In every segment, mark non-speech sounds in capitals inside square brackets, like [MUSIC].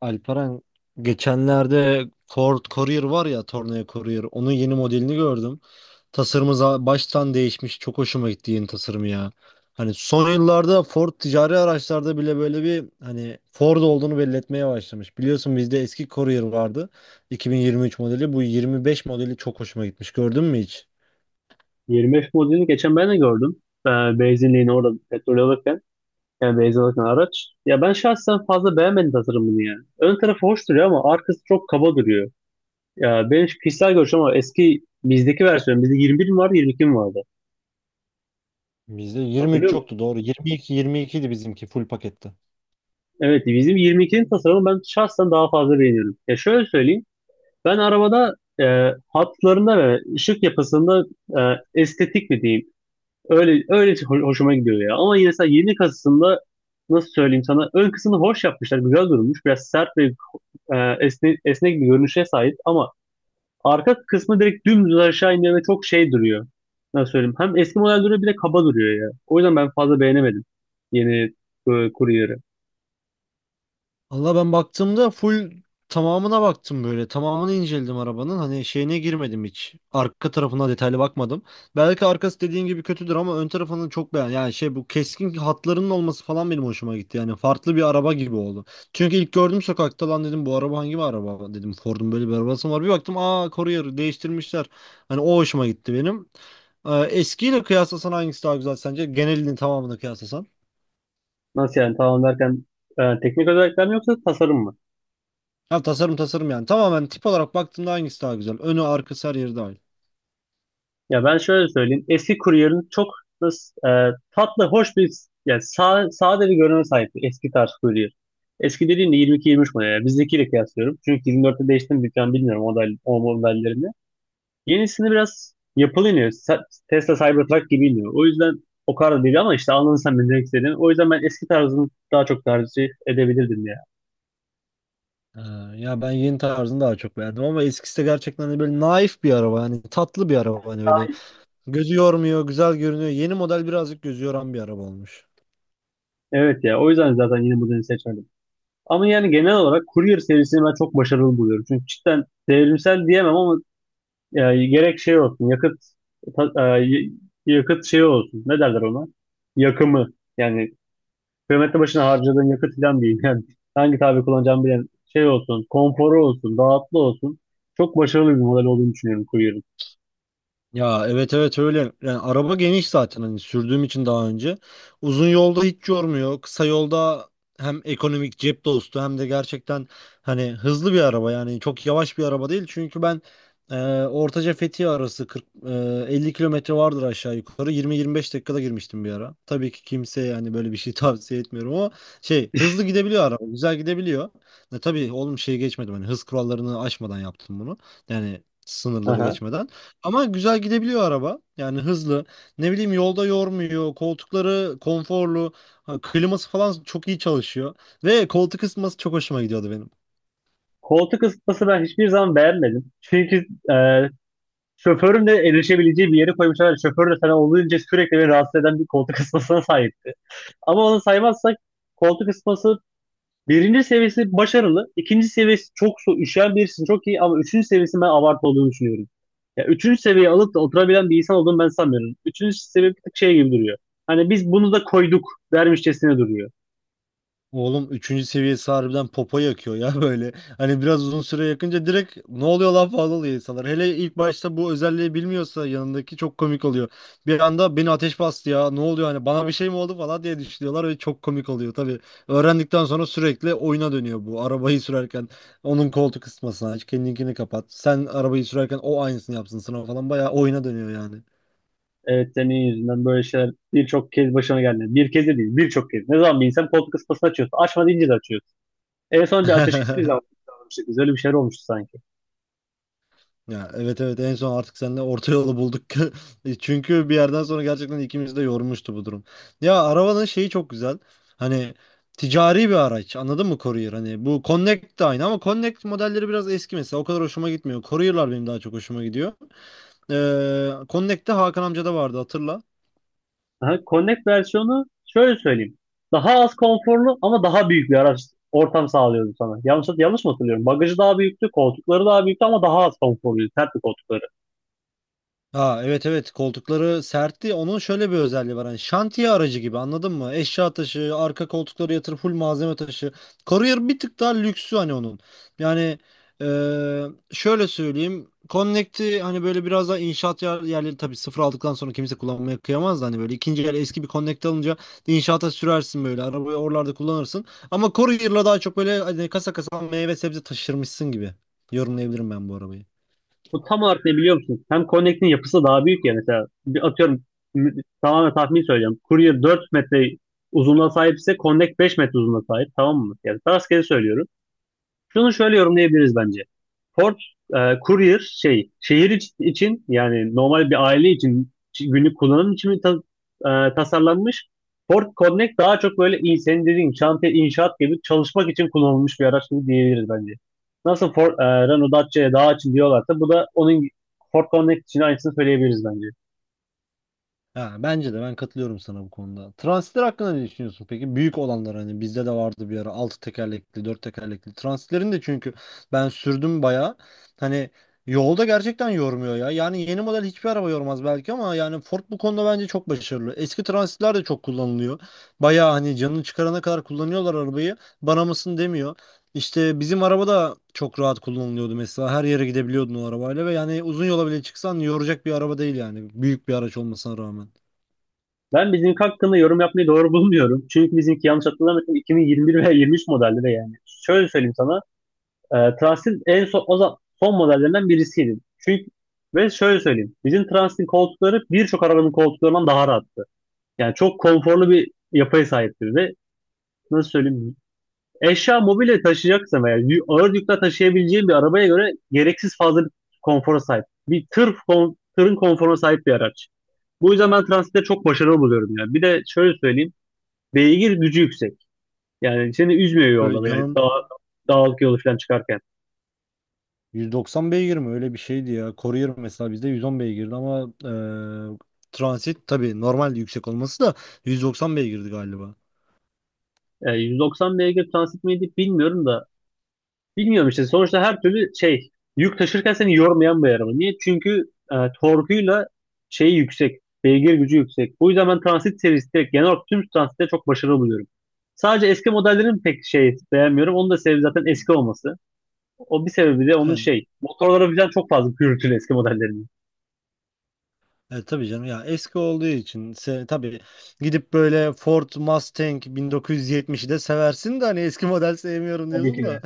Alperen, geçenlerde Ford Courier var ya, Tornado Courier, onun yeni modelini gördüm. Tasarımı baştan değişmiş, çok hoşuma gitti yeni tasarımı ya. Hani son yıllarda Ford ticari araçlarda bile böyle bir hani Ford olduğunu belli etmeye başlamış. Biliyorsun bizde eski Courier vardı, 2023 modeli bu 25 modeli çok hoşuma gitmiş, gördün mü hiç? 25 modelini geçen ben de gördüm. Ee, benzinliğini orada petrol alırken. Yani benzin alırken araç. Ya ben şahsen fazla beğenmedim tasarımını yani. Ön tarafı hoş duruyor ama arkası çok kaba duruyor. Ya benim kişisel görüşüm ama eski bizdeki versiyon. Bizde 21 mi vardı 22 mi vardı? Bizde Hatırlıyor 23 musun? yoktu, doğru, 22 22 idi bizimki full pakette. Evet bizim 22'nin tasarımı ben şahsen daha fazla beğeniyorum. Ya şöyle söyleyeyim. Ben arabada hatlarında ve ışık yapısında e, estetik mi diyeyim? Öyle öyle hoşuma gidiyor ya. Ama yine mesela yeni kasasında nasıl söyleyeyim sana ön kısmını hoş yapmışlar. Güzel durmuş. Biraz sert ve esnek bir görünüşe sahip ama arka kısmı direkt dümdüz aşağı iniyor ve çok şey duruyor. Nasıl söyleyeyim? Hem eski model duruyor bir de kaba duruyor ya. O yüzden ben fazla beğenemedim yeni Courier'ı. Valla ben baktığımda full tamamına baktım böyle. Tamamını inceledim arabanın. Hani şeyine girmedim hiç. Arka tarafına detaylı bakmadım. Belki arkası dediğin gibi kötüdür ama ön tarafını çok beğendim. Yani şey, bu keskin hatlarının olması falan benim hoşuma gitti. Yani farklı bir araba gibi oldu. Çünkü ilk gördüm sokakta, lan dedim bu araba hangi bir araba dedim. Ford'un böyle bir arabası mı var. Bir baktım, aa, Courier değiştirmişler. Hani o hoşuma gitti benim. Eskiyle kıyaslasan hangisi daha güzel sence? Genelini tamamını kıyaslasan. Nasıl yani tamam derken teknik özellikler mi yoksa tasarım mı? Ha, tasarım tasarım yani. Tamamen tip olarak baktığımda hangisi daha güzel? Önü, arkası, her yeri dahil. Ya ben şöyle söyleyeyim. Eski kuryerin çok nasıl, tatlı, hoş bir yani sade bir görünüme sahipti eski tarz kuryer. Eski dediğimde 22-23 model. Yani bizdekiyle kıyaslıyorum. Çünkü 24'te değişti mi falan bilmiyorum model, o modellerini. Yenisini biraz yapılı iniyor. Tesla Cybertruck gibi iniyor. O yüzden o kadar değil ama işte anladın sen benim demek istediğimi. O yüzden ben eski tarzını daha çok tercih edebilirdim ya. Ha, ya ben yeni tarzını daha çok beğendim ama eskisi de gerçekten hani böyle naif bir araba. Hani tatlı bir araba. Hani öyle gözü yormuyor, güzel görünüyor. Yeni model birazcık gözü yoran bir araba olmuş. Evet ya o yüzden zaten yeni modeli seçmedim. Ama yani genel olarak Courier serisini ben çok başarılı buluyorum. Çünkü cidden devrimsel diyemem ama gerek şey olsun yakıt ta- e, y- yakıt şey olsun ne derler ona yakımı yani kilometre başına harcadığın yakıt falan değil [LAUGHS] yani hangi tabi kullanacağımı bilen şey olsun konforu olsun rahatlı olsun çok başarılı bir model olduğunu düşünüyorum Courier'ın. Ya, evet evet öyle. Yani araba geniş zaten hani, sürdüğüm için daha önce. Uzun yolda hiç yormuyor. Kısa yolda hem ekonomik, cep dostu, hem de gerçekten hani hızlı bir araba, yani çok yavaş bir araba değil. Çünkü ben e, Ortaca Fethiye arası 40 50 kilometre vardır aşağı yukarı. 20-25 dakikada girmiştim bir ara. Tabii ki kimseye yani böyle bir şey [LAUGHS] tavsiye etmiyorum ama şey, hızlı gidebiliyor araba. Güzel gidebiliyor. Tabii oğlum şey, geçmedim hani, hız kurallarını aşmadan yaptım bunu. Yani sınırları Aha. geçmeden. Ama güzel gidebiliyor araba. Yani hızlı. Ne bileyim, yolda yormuyor. Koltukları konforlu. Ha, kliması falan çok iyi çalışıyor. Ve koltuk ısıtması çok hoşuma gidiyordu benim. Koltuk ısıtması ben hiçbir zaman beğenmedim. Çünkü e, şoförün de erişebileceği bir yere koymuşlar. Şoför de sana olduğunca sürekli beni rahatsız eden bir koltuk ısıtmasına sahipti. Ama onu saymazsak koltuk ısıtması birinci seviyesi başarılı. İkinci seviyesi çok so üşüyen birisinin çok iyi ama üçüncü seviyesi ben abartı olduğunu düşünüyorum. Ya üçüncü seviyeyi alıp da oturabilen bir insan olduğunu ben sanmıyorum. Üçüncü seviye bir tık şey gibi duruyor. Hani biz bunu da koyduk dermişçesine duruyor. Oğlum, üçüncü seviyesi harbiden popo yakıyor ya [LAUGHS] böyle. Hani biraz uzun süre yakınca direkt ne oluyor lan falan oluyor insanlar. Hele ilk başta bu özelliği bilmiyorsa yanındaki çok komik oluyor. Bir anda beni ateş bastı ya, ne oluyor, hani bana bir şey mi oldu falan diye düşünüyorlar ve çok komik oluyor tabii. Öğrendikten sonra sürekli oyuna dönüyor bu. Arabayı sürerken onun koltuk ısıtmasını aç, kendinkini kapat. Sen arabayı sürerken o aynısını yapsın sana falan, bayağı oyuna dönüyor yani. Evet senin yüzünden böyle şeyler birçok kez başına geldi. Bir kez de değil birçok kez. Ne zaman bir insan koltuk ısıtmasını açıyorsa açma deyince de açıyor. En son bir ateşkes bir zaman [LAUGHS] yapmıştık. Biz öyle bir şeyler olmuştu sanki. Ya, evet evet, en son artık seninle orta yolu bulduk. [LAUGHS] Çünkü bir yerden sonra gerçekten ikimizi de yormuştu bu durum. Ya, arabanın şeyi çok güzel. Hani ticari bir araç, anladın mı, Courier? Hani bu Connect de aynı ama Connect modelleri biraz eski mesela, o kadar hoşuma gitmiyor. Courier'lar benim daha çok hoşuma gidiyor. Connect'te Hakan amca da vardı, hatırla. Aha, Connect versiyonu şöyle söyleyeyim. Daha az konforlu ama daha büyük bir araç ortam sağlıyordu sana. Yanlış mı hatırlıyorum? Bagajı daha büyüktü, koltukları daha büyüktü ama daha az konforluydu. Sertti koltukları. Ha, evet evet, koltukları sertti. Onun şöyle bir özelliği var. Hani şantiye aracı gibi, anladın mı? Eşya taşı, arka koltukları yatır, full malzeme taşı. Courier bir tık daha lüksü hani onun. Yani eee, şöyle söyleyeyim. Connect'i hani böyle biraz daha inşaat yerleri, tabii sıfır aldıktan sonra kimse kullanmaya kıyamaz da, hani böyle ikinci el eski bir Connect alınca inşaata sürersin, böyle arabayı oralarda kullanırsın. Ama Courier'la daha çok böyle hani kasa kasa meyve sebze taşırmışsın gibi yorumlayabilirim ben bu arabayı. Bu tam olarak ne biliyor musun? Hem Connect'in yapısı daha büyük ya mesela. Bir atıyorum m- tamamen tahmin söyleyeceğim. Courier 4 metre uzunluğa sahipse Connect 5 metre uzunluğa sahip. Tamam mı? Yani rastgele söylüyorum. Şunu şöyle yorumlayabiliriz bence. Port, e, courier şehir için yani normal bir aile için günlük kullanım için mi tasarlanmış? Port Connect daha çok böyle senin dediğin şantiye inşaat gibi çalışmak için kullanılmış bir araç gibi diyebiliriz bence. Nasıl Ford, Renault Dacia'ya daha için diyorlarsa bu da onun Ford Connect için aynısını söyleyebiliriz bence. Ha, bence de, ben katılıyorum sana bu konuda. Transitler hakkında ne düşünüyorsun peki? Büyük olanlar, hani bizde de vardı bir ara, 6 tekerlekli, 4 tekerlekli. Transitlerin de, çünkü ben sürdüm bayağı. Hani yolda gerçekten yormuyor ya. Yani yeni model hiçbir araba yormaz belki ama yani Ford bu konuda bence çok başarılı. Eski transitler de çok kullanılıyor. Bayağı hani canını çıkarana kadar kullanıyorlar arabayı. Bana mısın demiyor. İşte bizim araba da çok rahat kullanılıyordu mesela. Her yere gidebiliyordun o arabayla ve yani uzun yola bile çıksan yoracak bir araba değil yani. Büyük bir araç olmasına rağmen. Ben bizimki hakkında yorum yapmayı doğru bulmuyorum. Çünkü bizimki yanlış hatırlamıyorsam 2021 veya 23 modeldi de yani. Şöyle söyleyeyim sana. Transt'in en son, son modellerinden birisiydi. Çünkü ve şöyle söyleyeyim. Bizim Transt'in koltukları birçok arabanın koltuklarından daha rahattı. Yani çok konforlu bir yapıya sahiptir ve nasıl söyleyeyim eşya mobilya taşıyacaksa veya ağır yükle taşıyabileceğin bir arabaya göre gereksiz fazla bir konfora sahip. Bir tır tırın konforuna sahip bir araç. Bu yüzden ben Transit'te çok başarılı buluyorum yani. Bir de şöyle söyleyeyim. Beygir gücü yüksek. Yani seni üzmüyor Öyle yolda yani canım. Dağlık yolu falan çıkarken. 190 beygir mi? Öyle bir şeydi ya. Courier mesela bizde 110 beygirdi ama transit tabii normal yüksek olması da 190 beygirdi galiba. 190 beygir transit miydi bilmiyorum da. Bilmiyorum işte sonuçta her türlü şey yük taşırken seni yormayan bir araba. Niye? Çünkü e, torkuyla şeyi yüksek. Beygir gücü yüksek. Bu yüzden ben transit serisi direkt genel olarak tüm transitte çok başarılı buluyorum. Sadece eski modellerin pek şey beğenmiyorum. Onun da sebebi zaten eski olması. O bir sebebi de onun Yani, şey. Motorlara birden çok fazla gürültülü eski modellerinin. Tabii canım ya, eski olduğu için tabii gidip böyle Ford Mustang 1970'i de seversin de hani eski model sevmiyorum Tabii diyorsun ki da. de.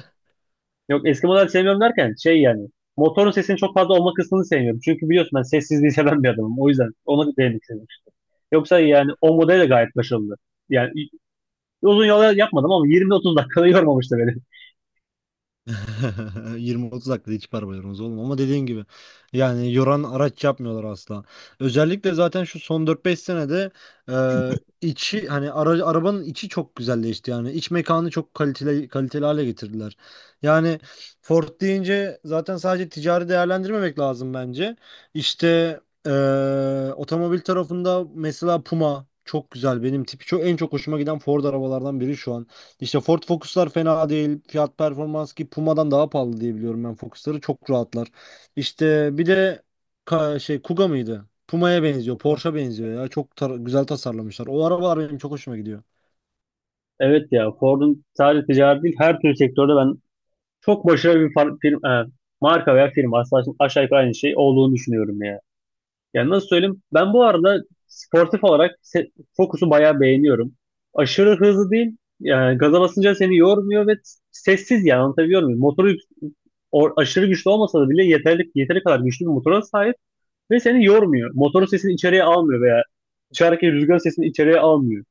Yok eski model sevmiyorum derken şey yani. Motorun sesinin çok fazla olma kısmını sevmiyorum. Çünkü biliyorsun ben sessizliği seven bir adamım. O yüzden ona değinmek istedim. Yoksa yani o model de gayet başarılı. Yani uzun yol yapmadım ama 20-30 dakikada yormamıştı beni. [LAUGHS] 20-30 dakikada hiç arabalarımız oğlum, ama dediğin gibi yani, yoran araç yapmıyorlar asla. Özellikle zaten şu son 4-5 senede içi hani arabanın içi çok güzelleşti, yani iç mekanı çok kaliteli kaliteli hale getirdiler. Yani Ford deyince zaten sadece ticari değerlendirmemek lazım bence. İşte e, otomobil tarafında mesela Puma çok güzel, benim tipi çok, en çok hoşuma giden Ford arabalardan biri şu an. İşte Ford Focus'lar fena değil. Fiyat performans, ki Puma'dan daha pahalı diye biliyorum ben Focus'ları. Çok rahatlar. İşte bir de şey, Kuga mıydı? Puma'ya benziyor. Porsche'a [LAUGHS] benziyor ya. Çok güzel tasarlamışlar. O arabalar benim çok hoşuma gidiyor. Evet ya Ford'un sadece ticaret değil her türlü sektörde ben çok başarılı bir firma, marka veya firma aslında aşağı yukarı aynı şey olduğunu düşünüyorum ya. Yani nasıl söyleyeyim ben bu arada sportif olarak Focus'u bayağı beğeniyorum. Aşırı hızlı değil yani gaza basınca seni yormuyor ve sessiz yani anlatabiliyor muyum? Motoru aşırı güçlü olmasa da bile yeteri kadar güçlü bir motora sahip. Ve seni yormuyor. Motorun sesini içeriye almıyor veya dışarıdaki rüzgar sesini içeriye almıyor.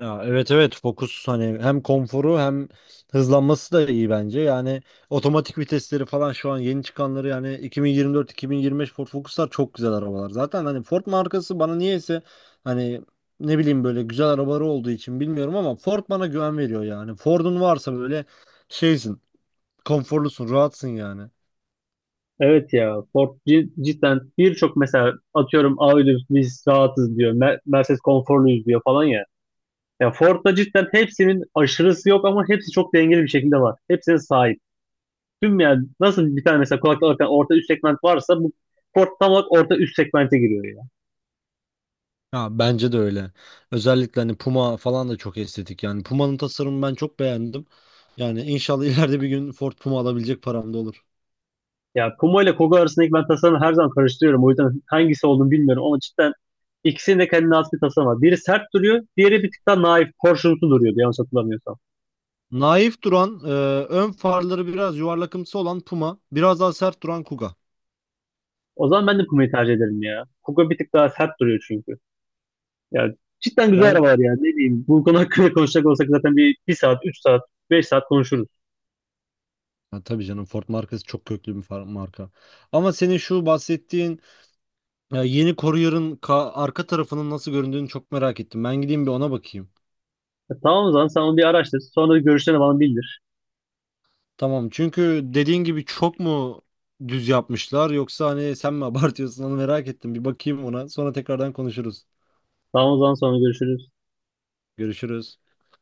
Ya, evet evet Focus hani hem konforu hem hızlanması da iyi bence. Yani otomatik vitesleri falan şu an yeni çıkanları, yani 2024-2025 Ford Focus'lar çok güzel arabalar. Zaten hani Ford markası bana niyeyse, hani, ne bileyim, böyle güzel arabaları olduğu için bilmiyorum ama Ford bana güven veriyor yani. Ford'un varsa böyle, şeysin, konforlusun, rahatsın yani. Evet ya Ford cidden birçok mesela atıyorum Audi biz rahatız diyor. Mercedes konforluyuz diyor falan ya. Ya Ford'da cidden hepsinin aşırısı yok ama hepsi çok dengeli bir şekilde var. Hepsine sahip. Tüm yani nasıl bir tane mesela kulaklık alırken orta üst segment varsa bu Ford tam olarak orta üst segmente giriyor yani. Ya, bence de öyle. Özellikle hani Puma falan da çok estetik yani. Puma'nın tasarımını ben çok beğendim. Yani inşallah [LAUGHS] ileride bir gün Ford Puma alabilecek param da olur. Ya Kuma ile Kogo arasındaki ben tasarımı her zaman karıştırıyorum. O yüzden hangisi olduğunu bilmiyorum ama cidden ikisinin de kendine has bir tasarımı var. Biri sert duruyor, diğeri bir tık daha naif, porsiyonlu duruyordu yanlış hatırlamıyorsam. Naif duran, ön farları biraz yuvarlakımsı olan Puma, biraz daha sert duran Kuga. O zaman ben de Kuma'yı tercih ederim ya. Kogo bir tık daha sert duruyor çünkü. Ya cidden güzel Ben arabalar ya. Ne diyeyim, bu konu hakkında konuşacak olsak zaten bir saat, üç saat, beş saat konuşuruz. ha, tabii canım, Ford markası çok köklü bir marka. Ama senin şu bahsettiğin yeni Courier'ın arka tarafının nasıl göründüğünü çok merak ettim. Ben gideyim bir ona bakayım. Ya tamam o zaman sen onu bir araştır. Sonra görüşlerini bana bildir. Tamam, çünkü dediğin gibi çok mu düz yapmışlar yoksa hani sen mi [LAUGHS] abartıyorsun, onu merak ettim. Bir bakayım ona, sonra tekrardan konuşuruz. Tamam o zaman sonra görüşürüz. Görüşürüz.